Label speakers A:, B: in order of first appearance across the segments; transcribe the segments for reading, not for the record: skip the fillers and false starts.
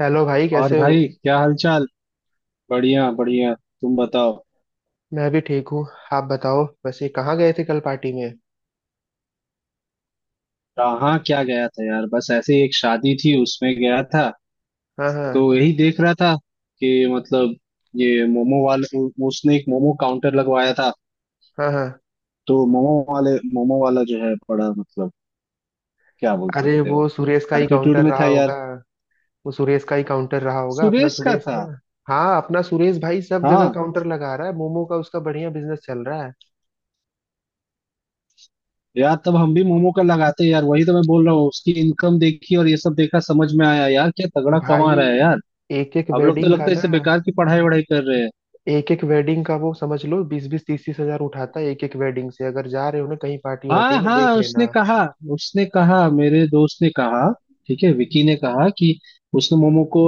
A: Hello भाई,
B: और
A: कैसे हो।
B: भाई क्या हालचाल। बढ़िया बढ़िया, तुम बताओ।
A: मैं भी ठीक हूँ। आप बताओ वैसे कहाँ गए थे कल पार्टी में।
B: कहाँ क्या गया था यार, बस ऐसे ही एक शादी थी उसमें गया था।
A: हाँ
B: तो
A: हाँ।
B: यही देख रहा था कि मतलब ये मोमो वाले उसने एक मोमो काउंटर लगवाया था।
A: हाँ हाँ।
B: तो मोमो वाला जो है बड़ा मतलब क्या बोल
A: अरे
B: सकते हो,
A: वो सुरेश का ही
B: एटीट्यूड
A: काउंटर
B: में
A: रहा
B: था यार।
A: होगा। वो सुरेश का ही काउंटर रहा होगा, अपना
B: सुरेश का
A: सुरेश ना।
B: था।
A: हाँ, अपना सुरेश भाई सब जगह
B: हाँ
A: काउंटर लगा रहा है मोमो का, उसका बढ़िया बिजनेस चल रहा है।
B: यार, तब हम भी मोमो का लगाते यार। वही तो मैं बोल रहा हूँ, उसकी इनकम देखी और ये सब देखा, समझ में आया यार क्या तगड़ा कमा
A: भाई,
B: रहा है यार।
A: एक एक
B: हम लोग तो
A: वेडिंग का
B: लगता है
A: ना,
B: इससे बेकार की पढ़ाई वढ़ाई कर रहे हैं।
A: एक एक वेडिंग का वो समझ लो बीस बीस तीस तीस हजार उठाता है एक एक वेडिंग से। अगर जा रहे हो ना कहीं पार्टी वार्टी
B: हाँ
A: में
B: हाँ,
A: देख
B: उसने
A: लेना।
B: कहा, उसने कहा, मेरे दोस्त ने कहा, ठीक है, विकी ने कहा कि उसने मोमो को,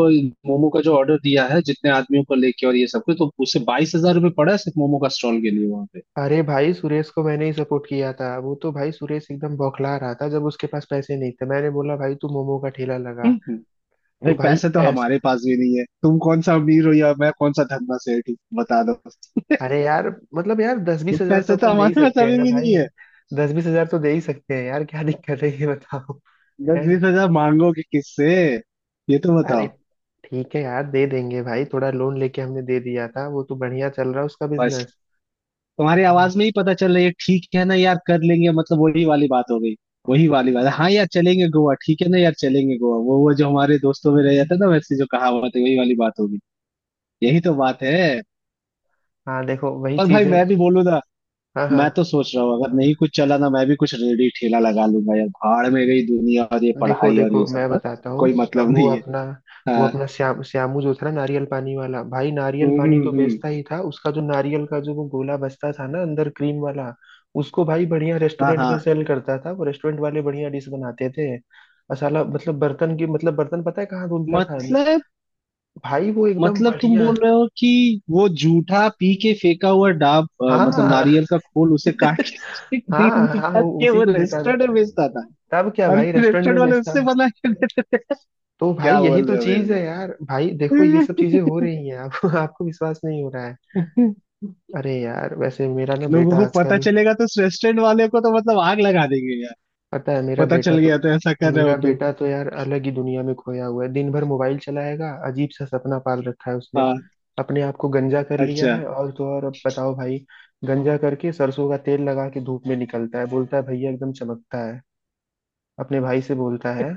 B: मोमो का जो ऑर्डर दिया है जितने आदमियों को लेके और ये सब कुछ, तो उसे 22,000 रुपये पड़ा है सिर्फ मोमो का स्टॉल के लिए वहां पे।
A: अरे भाई, सुरेश को मैंने ही सपोर्ट किया था। वो तो भाई सुरेश एकदम बौखला रहा था जब उसके पास पैसे नहीं थे। मैंने बोला भाई तू मोमो का ठेला लगा।
B: हम्म,
A: तो
B: भाई
A: भाई
B: पैसे तो
A: ऐसा
B: हमारे पास भी नहीं है, तुम कौन सा अमीर हो या मैं कौन सा धन्ना सेठ हूँ बता दो।
A: अरे यार, मतलब यार दस
B: तो
A: बीस हजार तो
B: पैसे तो
A: अपन दे ही
B: हमारे पास
A: सकते हैं
B: अभी
A: ना
B: भी
A: भाई।
B: नहीं है।
A: दस बीस हजार तो दे ही सकते हैं यार, क्या दिक्कत है ये बताओ।
B: दस
A: है।
B: बीस हजार मांगोगे किससे, ये तो
A: अरे,
B: बताओ।
A: ठीक है यार, दे देंगे भाई। थोड़ा लोन लेके हमने दे दिया था, वो तो बढ़िया चल रहा है उसका
B: बस,
A: बिजनेस।
B: तुम्हारी
A: हाँ।
B: आवाज में ही पता चल रहा है, ये ठीक है ना यार, कर लेंगे, मतलब वही वाली बात हो गई। वही वाली बात है, हाँ यार चलेंगे गोवा, ठीक है ना यार चलेंगे गोवा, वो जो हमारे दोस्तों में रह जाता है ना वैसे, जो कहावत है वही वाली बात होगी। यही तो बात है।
A: हाँ, देखो वही
B: पर भाई
A: चीज है।
B: मैं भी बोलू ना,
A: हाँ
B: मैं
A: हाँ।
B: तो सोच रहा हूँ, अगर नहीं कुछ चला ना, मैं भी कुछ रेडी ठेला लगा लूंगा यार, भाड़ में गई दुनिया और ये
A: देखो
B: पढ़ाई और
A: देखो
B: ये सब।
A: मैं
B: पर
A: बताता हूँ।
B: कोई
A: अब
B: मतलब
A: वो
B: नहीं है।
A: अपना वो
B: हाँ।
A: अपना श्याम श्यामू जो था ना नारियल पानी वाला, भाई नारियल
B: हम्म
A: पानी
B: हम्म
A: तो
B: हम्म।
A: बेचता ही था। उसका जो नारियल का जो वो गोला बचता था ना अंदर क्रीम वाला, उसको भाई बढ़िया
B: हाँ
A: रेस्टोरेंट
B: हाँ।
A: में सेल करता था। वो रेस्टोरेंट वाले बढ़िया डिश बनाते थे और साला मतलब बर्तन की मतलब बर्तन पता है कहाँ धुलता था?
B: मतलब,
A: भाई वो एकदम
B: मतलब तुम
A: बढ़िया।
B: बोल रहे हो कि वो जूठा पी के फेंका हुआ डाब मतलब
A: हाँ।
B: नारियल का खोल उसे काट के उसे क्रीम
A: हाँ हाँ,
B: निकाल
A: वो
B: के
A: उसी
B: वो
A: को देता था।
B: रेस्टोरेंट में बेचता था।
A: तब क्या
B: और
A: भाई
B: फिर
A: रेस्टोरेंट
B: रेस्टोरेंट
A: में
B: वाले
A: बेचता
B: उससे
A: था।
B: बना के देते।
A: तो भाई
B: क्या
A: यही
B: बोल
A: तो
B: रहे हो मेरे
A: चीज है यार। भाई देखो ये सब चीजें हो रही हैं आप आपको विश्वास नहीं हो रहा है।
B: को?
A: अरे यार वैसे मेरा ना
B: लोगों
A: बेटा
B: को पता
A: आजकल।
B: चलेगा तो उस रेस्टोरेंट वाले को तो मतलब आग लगा देंगे यार।
A: पता है मेरा
B: पता
A: बेटा
B: चल
A: तो।
B: गया तो ऐसा कर रहे
A: मेरा
B: हो तो।
A: बेटा तो यार अलग ही दुनिया में खोया हुआ है। दिन भर मोबाइल चलाएगा। अजीब सा सपना पाल रखा है उसने।
B: हाँ।
A: अपने आप को गंजा कर लिया
B: अच्छा।
A: है और तो और, अब बताओ भाई। गंजा करके सरसों का तेल लगा के धूप में निकलता है, बोलता है भैया एकदम चमकता है। अपने भाई से बोलता है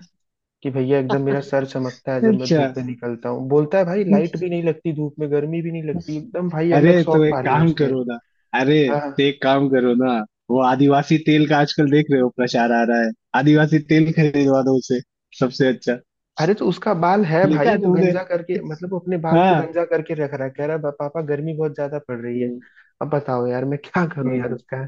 A: कि भैया एकदम मेरा सर चमकता है जब मैं
B: अच्छा,
A: धूप में निकलता हूँ। बोलता है भाई लाइट भी नहीं लगती, धूप में गर्मी भी नहीं लगती। एकदम भाई अलग
B: अरे तो
A: शौक
B: एक
A: पाले
B: काम
A: उसने।
B: करो ना, अरे
A: हाँ।
B: तो एक काम करो ना, वो आदिवासी तेल का आजकल देख रहे हो प्रचार आ रहा है, आदिवासी तेल खरीदवा दो उसे, सबसे अच्छा।
A: अरे तो उसका बाल है
B: देखा
A: भाई,
B: है
A: वो
B: तुमने।
A: गंजा करके मतलब वो अपने बाल को
B: हाँ।
A: गंजा करके रख रहा है, कह रहा है "पापा गर्मी बहुत ज्यादा पड़ रही है।"
B: हम्म,
A: अब बताओ यार मैं क्या करूं यार
B: हम्म।
A: उसका।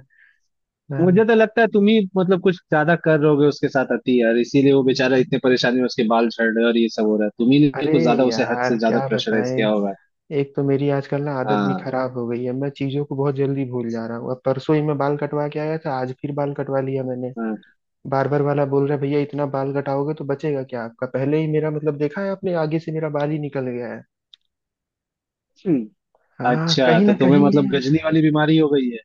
B: मुझे तो
A: हाँ।
B: लगता है तुम ही मतलब कुछ ज्यादा कर रहोगे उसके साथ अति यार, इसीलिए वो बेचारा इतने परेशानी में, उसके बाल झड़ रहे हैं और ये सब हो रहा है, तुम ही ने
A: अरे
B: कुछ ज्यादा उसे हद
A: यार
B: से ज्यादा
A: क्या
B: प्रेशराइज
A: बताएं।
B: किया होगा।
A: एक तो मेरी आजकल ना आदत भी
B: हाँ।
A: खराब हो गई है, मैं चीजों को बहुत जल्दी भूल जा रहा हूँ। अब परसों ही मैं बाल कटवा के आया था, आज फिर बाल कटवा लिया मैंने।
B: हाँ।
A: बार बार वाला बोल रहा है भैया इतना बाल कटाओगे तो बचेगा क्या आपका? पहले ही मेरा मतलब देखा है आपने आगे से मेरा बाल ही निकल गया है।
B: हम्म।
A: हाँ
B: अच्छा,
A: कहीं ना
B: तो तुम्हें
A: कहीं।
B: मतलब गजनी वाली बीमारी हो गई है,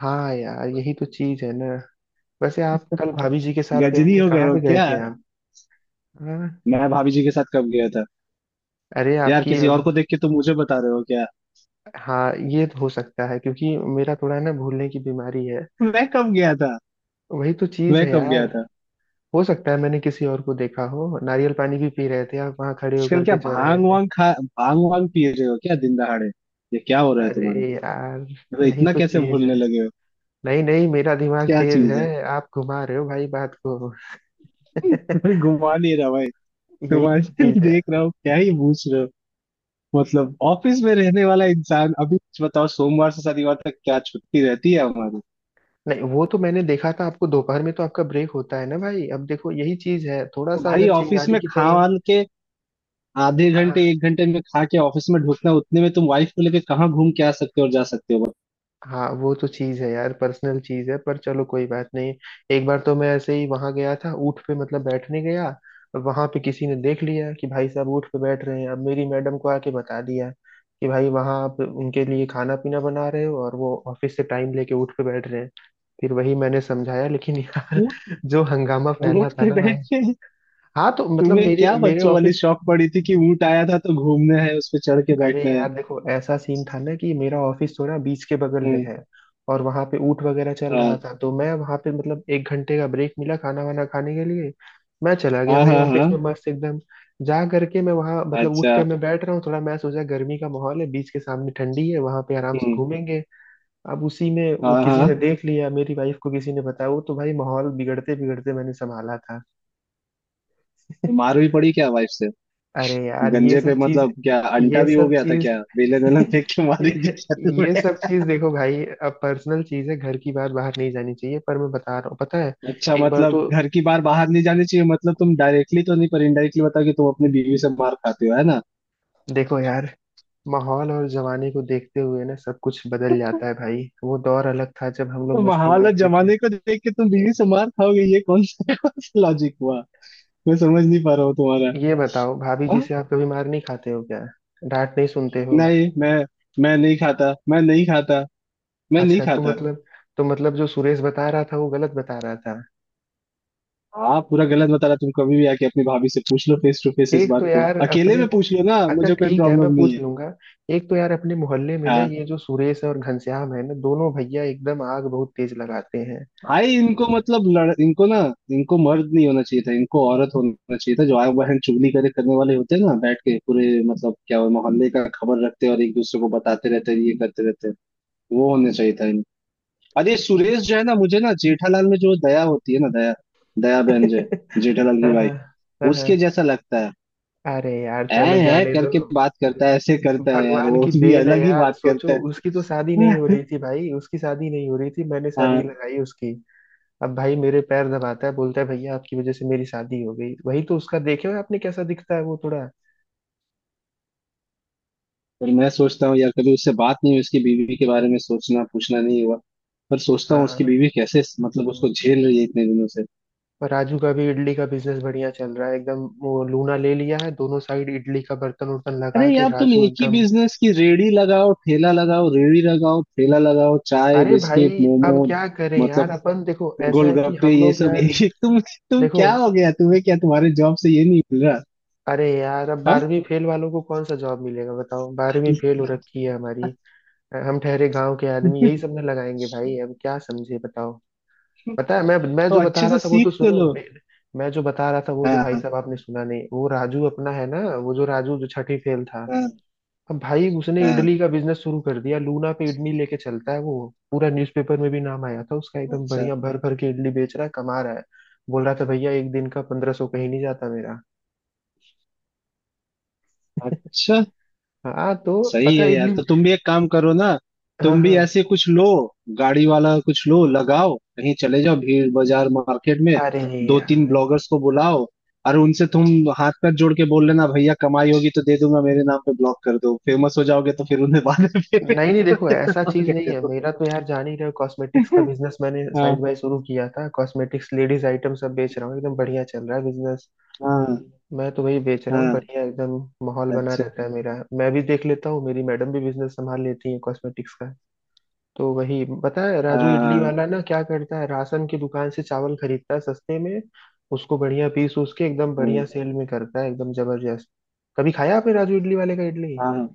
A: हाँ यार यही तो चीज है ना। वैसे आप कल भाभी जी के साथ गए
B: गजनी
A: थे
B: हो गए
A: कहाँ
B: हो
A: पे गए
B: क्या।
A: थे आप? हाँ।
B: मैं भाभी जी के साथ कब गया था।
A: अरे
B: यार
A: आपकी।
B: किसी और को देख के तुम मुझे बता रहे हो क्या।
A: हाँ ये तो हो सकता है क्योंकि मेरा थोड़ा ना भूलने की बीमारी है।
B: मैं कब गया था।
A: वही तो चीज
B: मैं
A: है
B: कब
A: यार।
B: गया था।
A: हो सकता है मैंने किसी और को देखा हो। नारियल पानी भी पी रहे थे आप वहाँ खड़े
B: आजकल
A: होकर
B: क्या
A: के चौराहे
B: भांग
A: पे।
B: वांग खा, भांग वांग पी रहे हो क्या दिन दहाड़े। ये क्या हो रहा है तुम्हारा,
A: अरे यार।
B: मतलब
A: यही
B: इतना
A: तो
B: कैसे
A: चीज है।
B: भूलने लगे हो।
A: नहीं नहीं मेरा दिमाग
B: क्या
A: तेज
B: चीज
A: है,
B: है।
A: आप घुमा रहे हो भाई बात को।
B: कोई घुमा नहीं रहा भाई।
A: यही
B: तुम्हारे
A: चीज है।
B: देख रहा हूँ क्या ही पूछ रहे हो। मतलब ऑफिस में रहने वाला इंसान, अभी कुछ बताओ, सोमवार से शनिवार तक क्या छुट्टी रहती है हमारी।
A: नहीं, वो तो मैंने देखा था आपको। दोपहर में तो आपका ब्रेक होता है ना भाई। अब देखो यही चीज है, थोड़ा
B: तो
A: सा
B: भाई
A: अगर
B: ऑफिस
A: चिंगारी
B: में
A: की
B: खा
A: तरह।
B: वान के आधे घंटे
A: हाँ।
B: एक घंटे में खा के ऑफिस में ढुकना, उतने में तुम वाइफ को लेके कहाँ घूम के आ सकते हो और जा सकते
A: हाँ वो तो चीज़ है यार, पर्सनल चीज़ है, पर चलो कोई बात नहीं। एक बार तो मैं ऐसे ही वहां गया था ऊँट पे मतलब बैठने गया। और वहां पे किसी ने देख लिया कि भाई साहब ऊँट पे बैठ रहे हैं, अब मेरी मैडम को आके बता दिया कि भाई वहां आप उनके लिए खाना पीना बना रहे हो और वो ऑफिस से टाइम लेके ऊँट पे बैठ रहे हैं। फिर वही मैंने समझाया, लेकिन यार
B: हो
A: जो हंगामा फैला
B: ऊँट
A: था
B: पे
A: ना
B: बैठ
A: भाई।
B: के।
A: हाँ तो मतलब
B: तुम्हें
A: मेरे
B: क्या
A: मेरे
B: बच्चों वाली
A: ऑफिस।
B: शौक पड़ी थी कि ऊँट आया था तो घूमना है उस पे चढ़ के
A: अरे
B: बैठना है।
A: यार देखो ऐसा सीन था ना कि मेरा ऑफिस थोड़ा बीच के बगल में
B: हम्म।
A: है। और वहां पे ऊंट वगैरह चल रहा
B: हाँ
A: था तो मैं वहां पे मतलब 1 घंटे का ब्रेक मिला खाना वाना खाने के लिए। मैं चला गया
B: हाँ
A: भाई,
B: हाँ। हाँ।
A: ऑफिस में मस्त एकदम जा करके मैं वहां मतलब ऊंट
B: अच्छा।
A: पे मैं बैठ रहा हूँ। थोड़ा मैं सोचा गर्मी का माहौल है, बीच के सामने ठंडी है, वहां पे आराम से
B: हम्म।
A: घूमेंगे। अब उसी में वो
B: हाँ
A: किसी
B: हाँ,
A: ने देख लिया, मेरी वाइफ को किसी ने बताया, वो तो भाई माहौल बिगड़ते बिगड़ते मैंने संभाला था।
B: तो मार भी पड़ी क्या वाइफ से।
A: अरे यार।
B: गंजे पे मतलब क्या अंटा
A: ये
B: भी हो
A: सब
B: गया था,
A: चीज
B: क्या बेलन वेलन फेंक के मारी थी क्या
A: ये
B: तुम्हें।
A: सब चीज देखो भाई, अब पर्सनल चीज है, घर की बात बाहर नहीं जानी चाहिए, पर मैं बता रहा हूँ, पता है।
B: अच्छा
A: एक बार
B: मतलब
A: तो।
B: घर की बार बाहर नहीं जानी चाहिए, मतलब तुम डायरेक्टली तो नहीं पर इनडायरेक्टली बताओ कि तुम अपनी बीवी से मार खाते हो, है ना।
A: देखो यार, माहौल और जमाने को देखते हुए ना सब कुछ बदल जाता है भाई। वो दौर अलग था जब हम लोग
B: तो
A: मस्ती
B: हालत
A: मारते थे।
B: जमाने को देख के तुम बीवी से मार खाओगे, ये कौन सा लॉजिक हुआ, मैं समझ नहीं पा रहा हूँ तुम्हारा।
A: ये बताओ भाभी जी
B: हाँ?
A: से आप कभी मार नहीं खाते हो क्या? डांट नहीं सुनते हो?
B: नहीं, मैं नहीं खाता, मैं नहीं खाता, मैं नहीं
A: अच्छा तो
B: खाता।
A: मतलब, तो मतलब जो सुरेश बता रहा था वो गलत बता रहा था?
B: आप पूरा गलत बता रहा, तुम कभी भी आके अपनी भाभी से पूछ लो फेस टू फेस, इस
A: एक
B: बात
A: तो
B: को
A: यार
B: अकेले
A: अपने।
B: में पूछ लो ना,
A: अच्छा
B: मुझे कोई
A: ठीक है, मैं
B: प्रॉब्लम नहीं
A: पूछ
B: है।
A: लूंगा। एक तो यार अपने मोहल्ले में ना
B: हाँ।
A: ये जो सुरेश और घनश्याम है ना, दोनों भैया एकदम आग बहुत तेज लगाते हैं।
B: भाई इनको मतलब लड़, इनको ना, इनको मर्द नहीं होना चाहिए था, इनको औरत होना चाहिए था। जो आए बहन चुगली करे करने वाले होते हैं ना, बैठ के पूरे मतलब क्या, वो मोहल्ले का खबर रखते हैं और एक दूसरे को बताते रहते हैं, ये करते रहते हैं। वो होना चाहिए था इन। अरे सुरेश जो है ना, मुझे ना जेठालाल में जो दया होती है ना, दया, दया बहन जो है, जेठालाल की
A: हाँ हाँ।
B: वाइफ,
A: हाँ,
B: उसके
A: हाँ।
B: जैसा लगता है।
A: अरे यार
B: ऐ
A: चलो
B: है
A: जाने दो।
B: करके बात करता है, ऐसे करता है यार,
A: भगवान
B: वो
A: की
B: भी
A: देन है
B: अलग ही
A: यार,
B: बात करता
A: सोचो उसकी तो शादी नहीं हो
B: है।
A: रही थी। भाई उसकी शादी नहीं हो रही थी, मैंने शादी
B: हाँ।
A: लगाई उसकी। अब भाई मेरे पैर दबाता है, बोलता है भैया आपकी वजह से मेरी शादी हो गई। वही तो उसका देखे हो आपने कैसा दिखता है वो थोड़ा।
B: पर मैं सोचता हूँ यार, कभी उससे बात नहीं हुई उसकी बीवी के बारे में, सोचना पूछना नहीं हुआ। पर सोचता हूँ उसकी
A: हाँ।
B: बीवी कैसे मतलब उसको झेल रही है इतने दिनों से।
A: पर राजू का भी इडली का बिजनेस बढ़िया चल रहा है एकदम, वो लूना ले लिया है, दोनों साइड इडली का बर्तन उर्तन
B: अरे
A: लगा के
B: यार तुम
A: राजू
B: एक ही
A: एकदम।
B: बिजनेस की रेड़ी लगाओ, ठेला लगाओ, रेड़ी लगाओ, ठेला लगाओ, चाय
A: अरे
B: बिस्किट
A: भाई
B: मोमो,
A: अब क्या करें यार।
B: मतलब
A: अपन देखो ऐसा है कि
B: गोलगप्पे
A: हम
B: ये
A: लोग
B: सब। एक
A: यार,
B: ही- तुम
A: देखो
B: क्या, हो गया तुम्हें, क्या तुम्हारे जॉब से ये नहीं मिल रहा।
A: अरे यार अब
B: हाँ।
A: 12वीं फेल वालों को कौन सा जॉब मिलेगा बताओ? 12वीं फेल हो रखी है हमारी। हम ठहरे गांव के आदमी, यही सब ना लगाएंगे भाई, अब क्या समझे बताओ। पता है, मैं
B: तो
A: जो बता
B: अच्छे
A: रहा
B: से
A: था वो तो
B: सीख तो
A: सुनो।
B: लो।
A: मैं जो बता रहा था वो तो भाई
B: हाँ।
A: साहब आपने सुना नहीं। वो राजू अपना है ना, वो जो राजू जो छठी फेल था,
B: हाँ।
A: अब भाई उसने
B: हाँ।
A: इडली का बिजनेस शुरू कर दिया। लूना पे इडली लेके चलता है वो। पूरा न्यूज़पेपर में भी नाम आया था उसका। एकदम
B: अच्छा।
A: बढ़िया भर भर के इडली बेच रहा है, कमा रहा है। बोल रहा था भैया एक दिन का 1500 कहीं नहीं जाता मेरा।
B: अच्छा।
A: हाँ। तो
B: सही
A: पता
B: है
A: है
B: यार,
A: इडली।
B: तो तुम भी एक काम करो ना,
A: हाँ
B: तुम भी
A: हाँ।
B: ऐसे कुछ लो, गाड़ी वाला कुछ लो, लगाओ कहीं चले जाओ भीड़ बाजार मार्केट में,
A: अरे
B: 2-3
A: यार
B: ब्लॉगर्स को बुलाओ और उनसे तुम हाथ पैर जोड़ के बोल लेना भैया कमाई होगी तो दे दूंगा, मेरे नाम पे ब्लॉग कर दो, फेमस हो जाओगे, तो फिर उन्हें बाद में payment
A: नहीं नहीं
B: कर
A: देखो
B: देना।
A: ऐसा
B: और
A: चीज
B: क्या
A: नहीं है
B: करो।
A: मेरा, तो यार जान ही रहे हो कॉस्मेटिक्स का बिजनेस मैंने साइड
B: हाँ।
A: बाय शुरू किया था। कॉस्मेटिक्स लेडीज आइटम सब बेच रहा हूँ एकदम बढ़िया चल रहा है बिजनेस।
B: हाँ।
A: मैं तो वही बेच
B: अच्छा।
A: रहा हूँ
B: हाँ।
A: बढ़िया एकदम। माहौल बना
B: अच्छा।
A: रहता है मेरा। मैं भी देख लेता हूँ, मेरी मैडम भी बिजनेस संभाल लेती है कॉस्मेटिक्स का। तो वही पता है राजू इडली वाला ना क्या करता है, राशन की दुकान से चावल खरीदता है सस्ते में। उसको बढ़िया पीस उस के एकदम
B: हाँ।
A: बढ़िया सेल में करता है एकदम जबरदस्त। कभी खाया आपने राजू इडली वाले का इडली?
B: हाँ।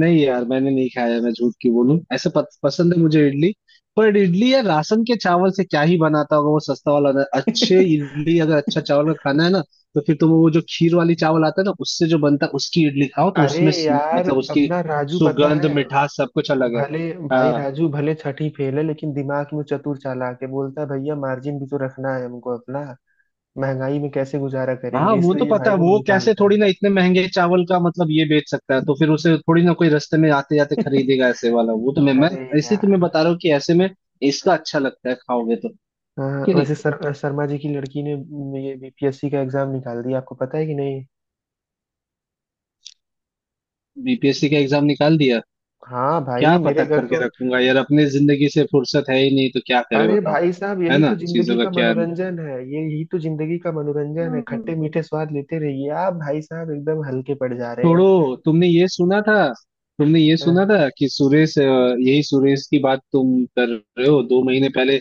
B: नहीं यार, मैंने नहीं खाया, मैं झूठ की बोलूं, ऐसे पसंद है मुझे इडली। पर इडली या राशन के चावल से क्या ही बनाता होगा वो सस्ता वाला ना, अच्छे इडली अगर, अच्छा चावल का खाना है ना तो फिर तुम वो जो खीर वाली चावल आता है ना उससे जो बनता है उसकी इडली खाओ, तो
A: अरे
B: उसमें
A: यार
B: मतलब उसकी
A: अपना राजू पता
B: सुगंध
A: है
B: मिठास सब कुछ अलग है।
A: भले, भाई
B: हाँ।
A: राजू भले छठी फेल है लेकिन दिमाग में चतुर चालाक है, बोलता है भैया मार्जिन भी तो रखना है हमको अपना, महंगाई में कैसे गुजारा
B: हाँ
A: करेंगे,
B: वो तो
A: इसलिए
B: पता
A: भाई
B: है,
A: वो
B: वो कैसे
A: निकालता है।
B: थोड़ी ना इतने महंगे चावल का मतलब ये बेच सकता है, तो फिर उसे थोड़ी ना कोई रास्ते में आते जाते खरीदेगा ऐसे वाला, वो तो मैं
A: अरे
B: ऐसे ही तुम्हें
A: यार।
B: बता रहा हूँ कि ऐसे में इसका अच्छा लगता है खाओगे तो,
A: हाँ
B: कि
A: वैसे
B: नहीं।
A: सर शर्मा जी की लड़की ने ये बीपीएससी का एग्जाम निकाल दिया, आपको पता है कि नहीं?
B: बीपीएससी का एग्जाम निकाल दिया।
A: हाँ
B: क्या
A: भाई मेरे
B: पता
A: घर
B: करके
A: तो।
B: रखूंगा यार, अपने जिंदगी से फुर्सत है ही नहीं, तो क्या करे
A: अरे
B: बताओ,
A: भाई साहब
B: है
A: यही
B: ना।
A: तो
B: चीजों
A: जिंदगी
B: का
A: का
B: क्या।
A: मनोरंजन है, ये यही तो जिंदगी का मनोरंजन है।
B: हम्म
A: खट्टे मीठे स्वाद लेते रहिए आप भाई साहब, एकदम हल्के पड़ जा रहे
B: छोड़ो, तुमने ये सुना था, तुमने ये सुना
A: हैं।
B: था कि सुरेश यही सुरेश की बात तुम कर रहे हो, 2 महीने पहले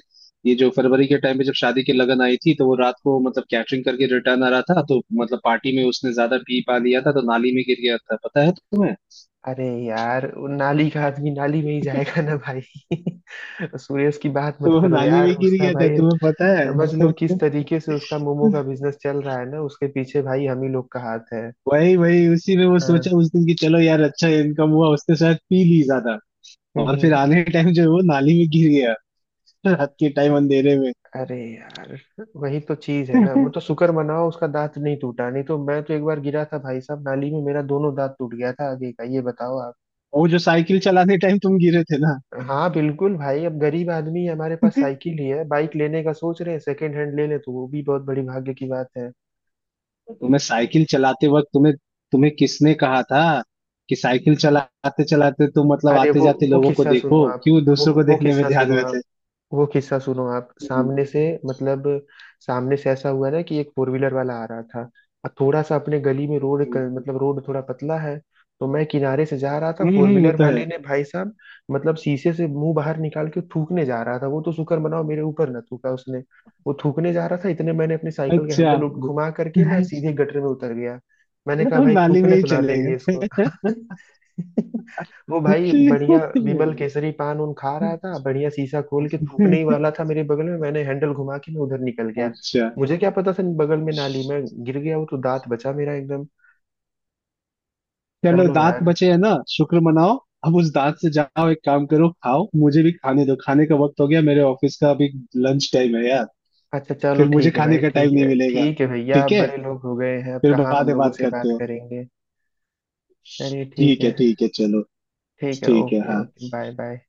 B: ये जो फरवरी के टाइम पे जब शादी की लगन आई थी, तो वो रात को मतलब कैटरिंग करके रिटर्न आ रहा था, तो मतलब पार्टी में उसने ज्यादा पी पा लिया था तो नाली में गिर गया था, पता है तुम्हें।
A: अरे यार, वो नाली का आदमी नाली में ही जाएगा ना भाई। सुरेश की बात मत
B: तो वो
A: करो
B: नाली
A: यार,
B: में गिर
A: उसका
B: गया था
A: भाई
B: तुम्हें पता है।
A: समझ लो किस तरीके से उसका मोमो का बिजनेस चल रहा है ना, उसके पीछे भाई हम ही लोग का हाथ है।
B: वही वही उसी में वो सोचा
A: हाँ।
B: उस दिन कि चलो यार अच्छा इनकम हुआ, उसने शायद पी ली ज्यादा,
A: हम्म
B: और फिर
A: हम्म।
B: आने के टाइम जो है वो नाली में गिर गया। रात के टाइम अंधेरे में।
A: अरे यार वही तो चीज है ना, वो तो शुक्र मनाओ उसका दांत नहीं टूटा, नहीं तो मैं तो एक बार गिरा था भाई साहब नाली में, मेरा दोनों दांत टूट गया था आगे का। ये बताओ आप।
B: वो जो साइकिल चलाने टाइम तुम गिरे थे ना।
A: हाँ बिल्कुल भाई, अब गरीब आदमी है, हमारे पास साइकिल ही है, बाइक लेने का सोच रहे हैं सेकेंड हैंड ले ले तो वो भी बहुत बड़ी भाग्य की बात है।
B: तुम्हें साइकिल चलाते वक्त, तुम्हें तुम्हें किसने कहा था कि साइकिल चलाते चलाते तुम मतलब
A: अरे
B: आते
A: वो
B: जाते
A: वो
B: लोगों को
A: किस्सा
B: देखो,
A: सुनो आप,
B: क्यों
A: वो
B: दूसरों को
A: वो
B: देखने में
A: किस्सा
B: ध्यान
A: सुनो
B: में
A: आप,
B: थे।
A: वो किस्सा सुनो आप
B: हम्म।
A: सामने से मतलब। सामने से ऐसा हुआ ना कि एक फोर व्हीलर वाला आ रहा था, और थोड़ा सा अपने गली में रोड क- मतलब रोड थोड़ा पतला है। तो मैं किनारे से जा रहा था, फोर
B: वो
A: व्हीलर
B: तो है।
A: वाले ने भाई साहब मतलब शीशे से मुंह बाहर निकाल के थूकने जा रहा था, वो तो शुक्र मनाओ मेरे ऊपर ना थूका उसने। वो थूकने जा रहा था इतने मैंने अपनी साइकिल का
B: अच्छा।
A: हैंडल घुमा करके मैं सीधे गटर में उतर गया। मैंने कहा भाई
B: नाली में
A: थूकने
B: ही
A: तो ना
B: चले
A: देंगे इसको।
B: गए।
A: वो भाई बढ़िया विमल केसरी पान उन खा रहा था, बढ़िया शीशा खोल के थूकने ही वाला था मेरे बगल में, मैंने हैंडल घुमा के मैं उधर निकल गया।
B: अच्छा।
A: मुझे क्या पता था बगल में नाली में गिर गया। वो तो दांत बचा मेरा एकदम।
B: चलो
A: चलो
B: दांत
A: यार।
B: बचे है ना, शुक्र मनाओ। अब उस दांत से जाओ, एक काम करो, खाओ, मुझे भी खाने दो, खाने का वक्त हो गया मेरे ऑफिस का अभी, लंच टाइम है यार।
A: अच्छा चलो
B: फिर मुझे
A: ठीक है
B: खाने
A: भाई,
B: का
A: ठीक
B: टाइम
A: है
B: नहीं मिलेगा।
A: ठीक है, भैया आप
B: ठीक है,
A: बड़े लोग हो गए हैं अब
B: फिर
A: कहाँ
B: बाद
A: हम
B: में
A: लोगों
B: बात
A: से
B: करते
A: बात
B: हो।
A: करेंगे। चलिए ठीक
B: ठीक है,
A: है।
B: ठीक है, चलो।
A: ठीक है,
B: ठीक है,
A: ओके
B: हाँ।
A: Okay, bye bye.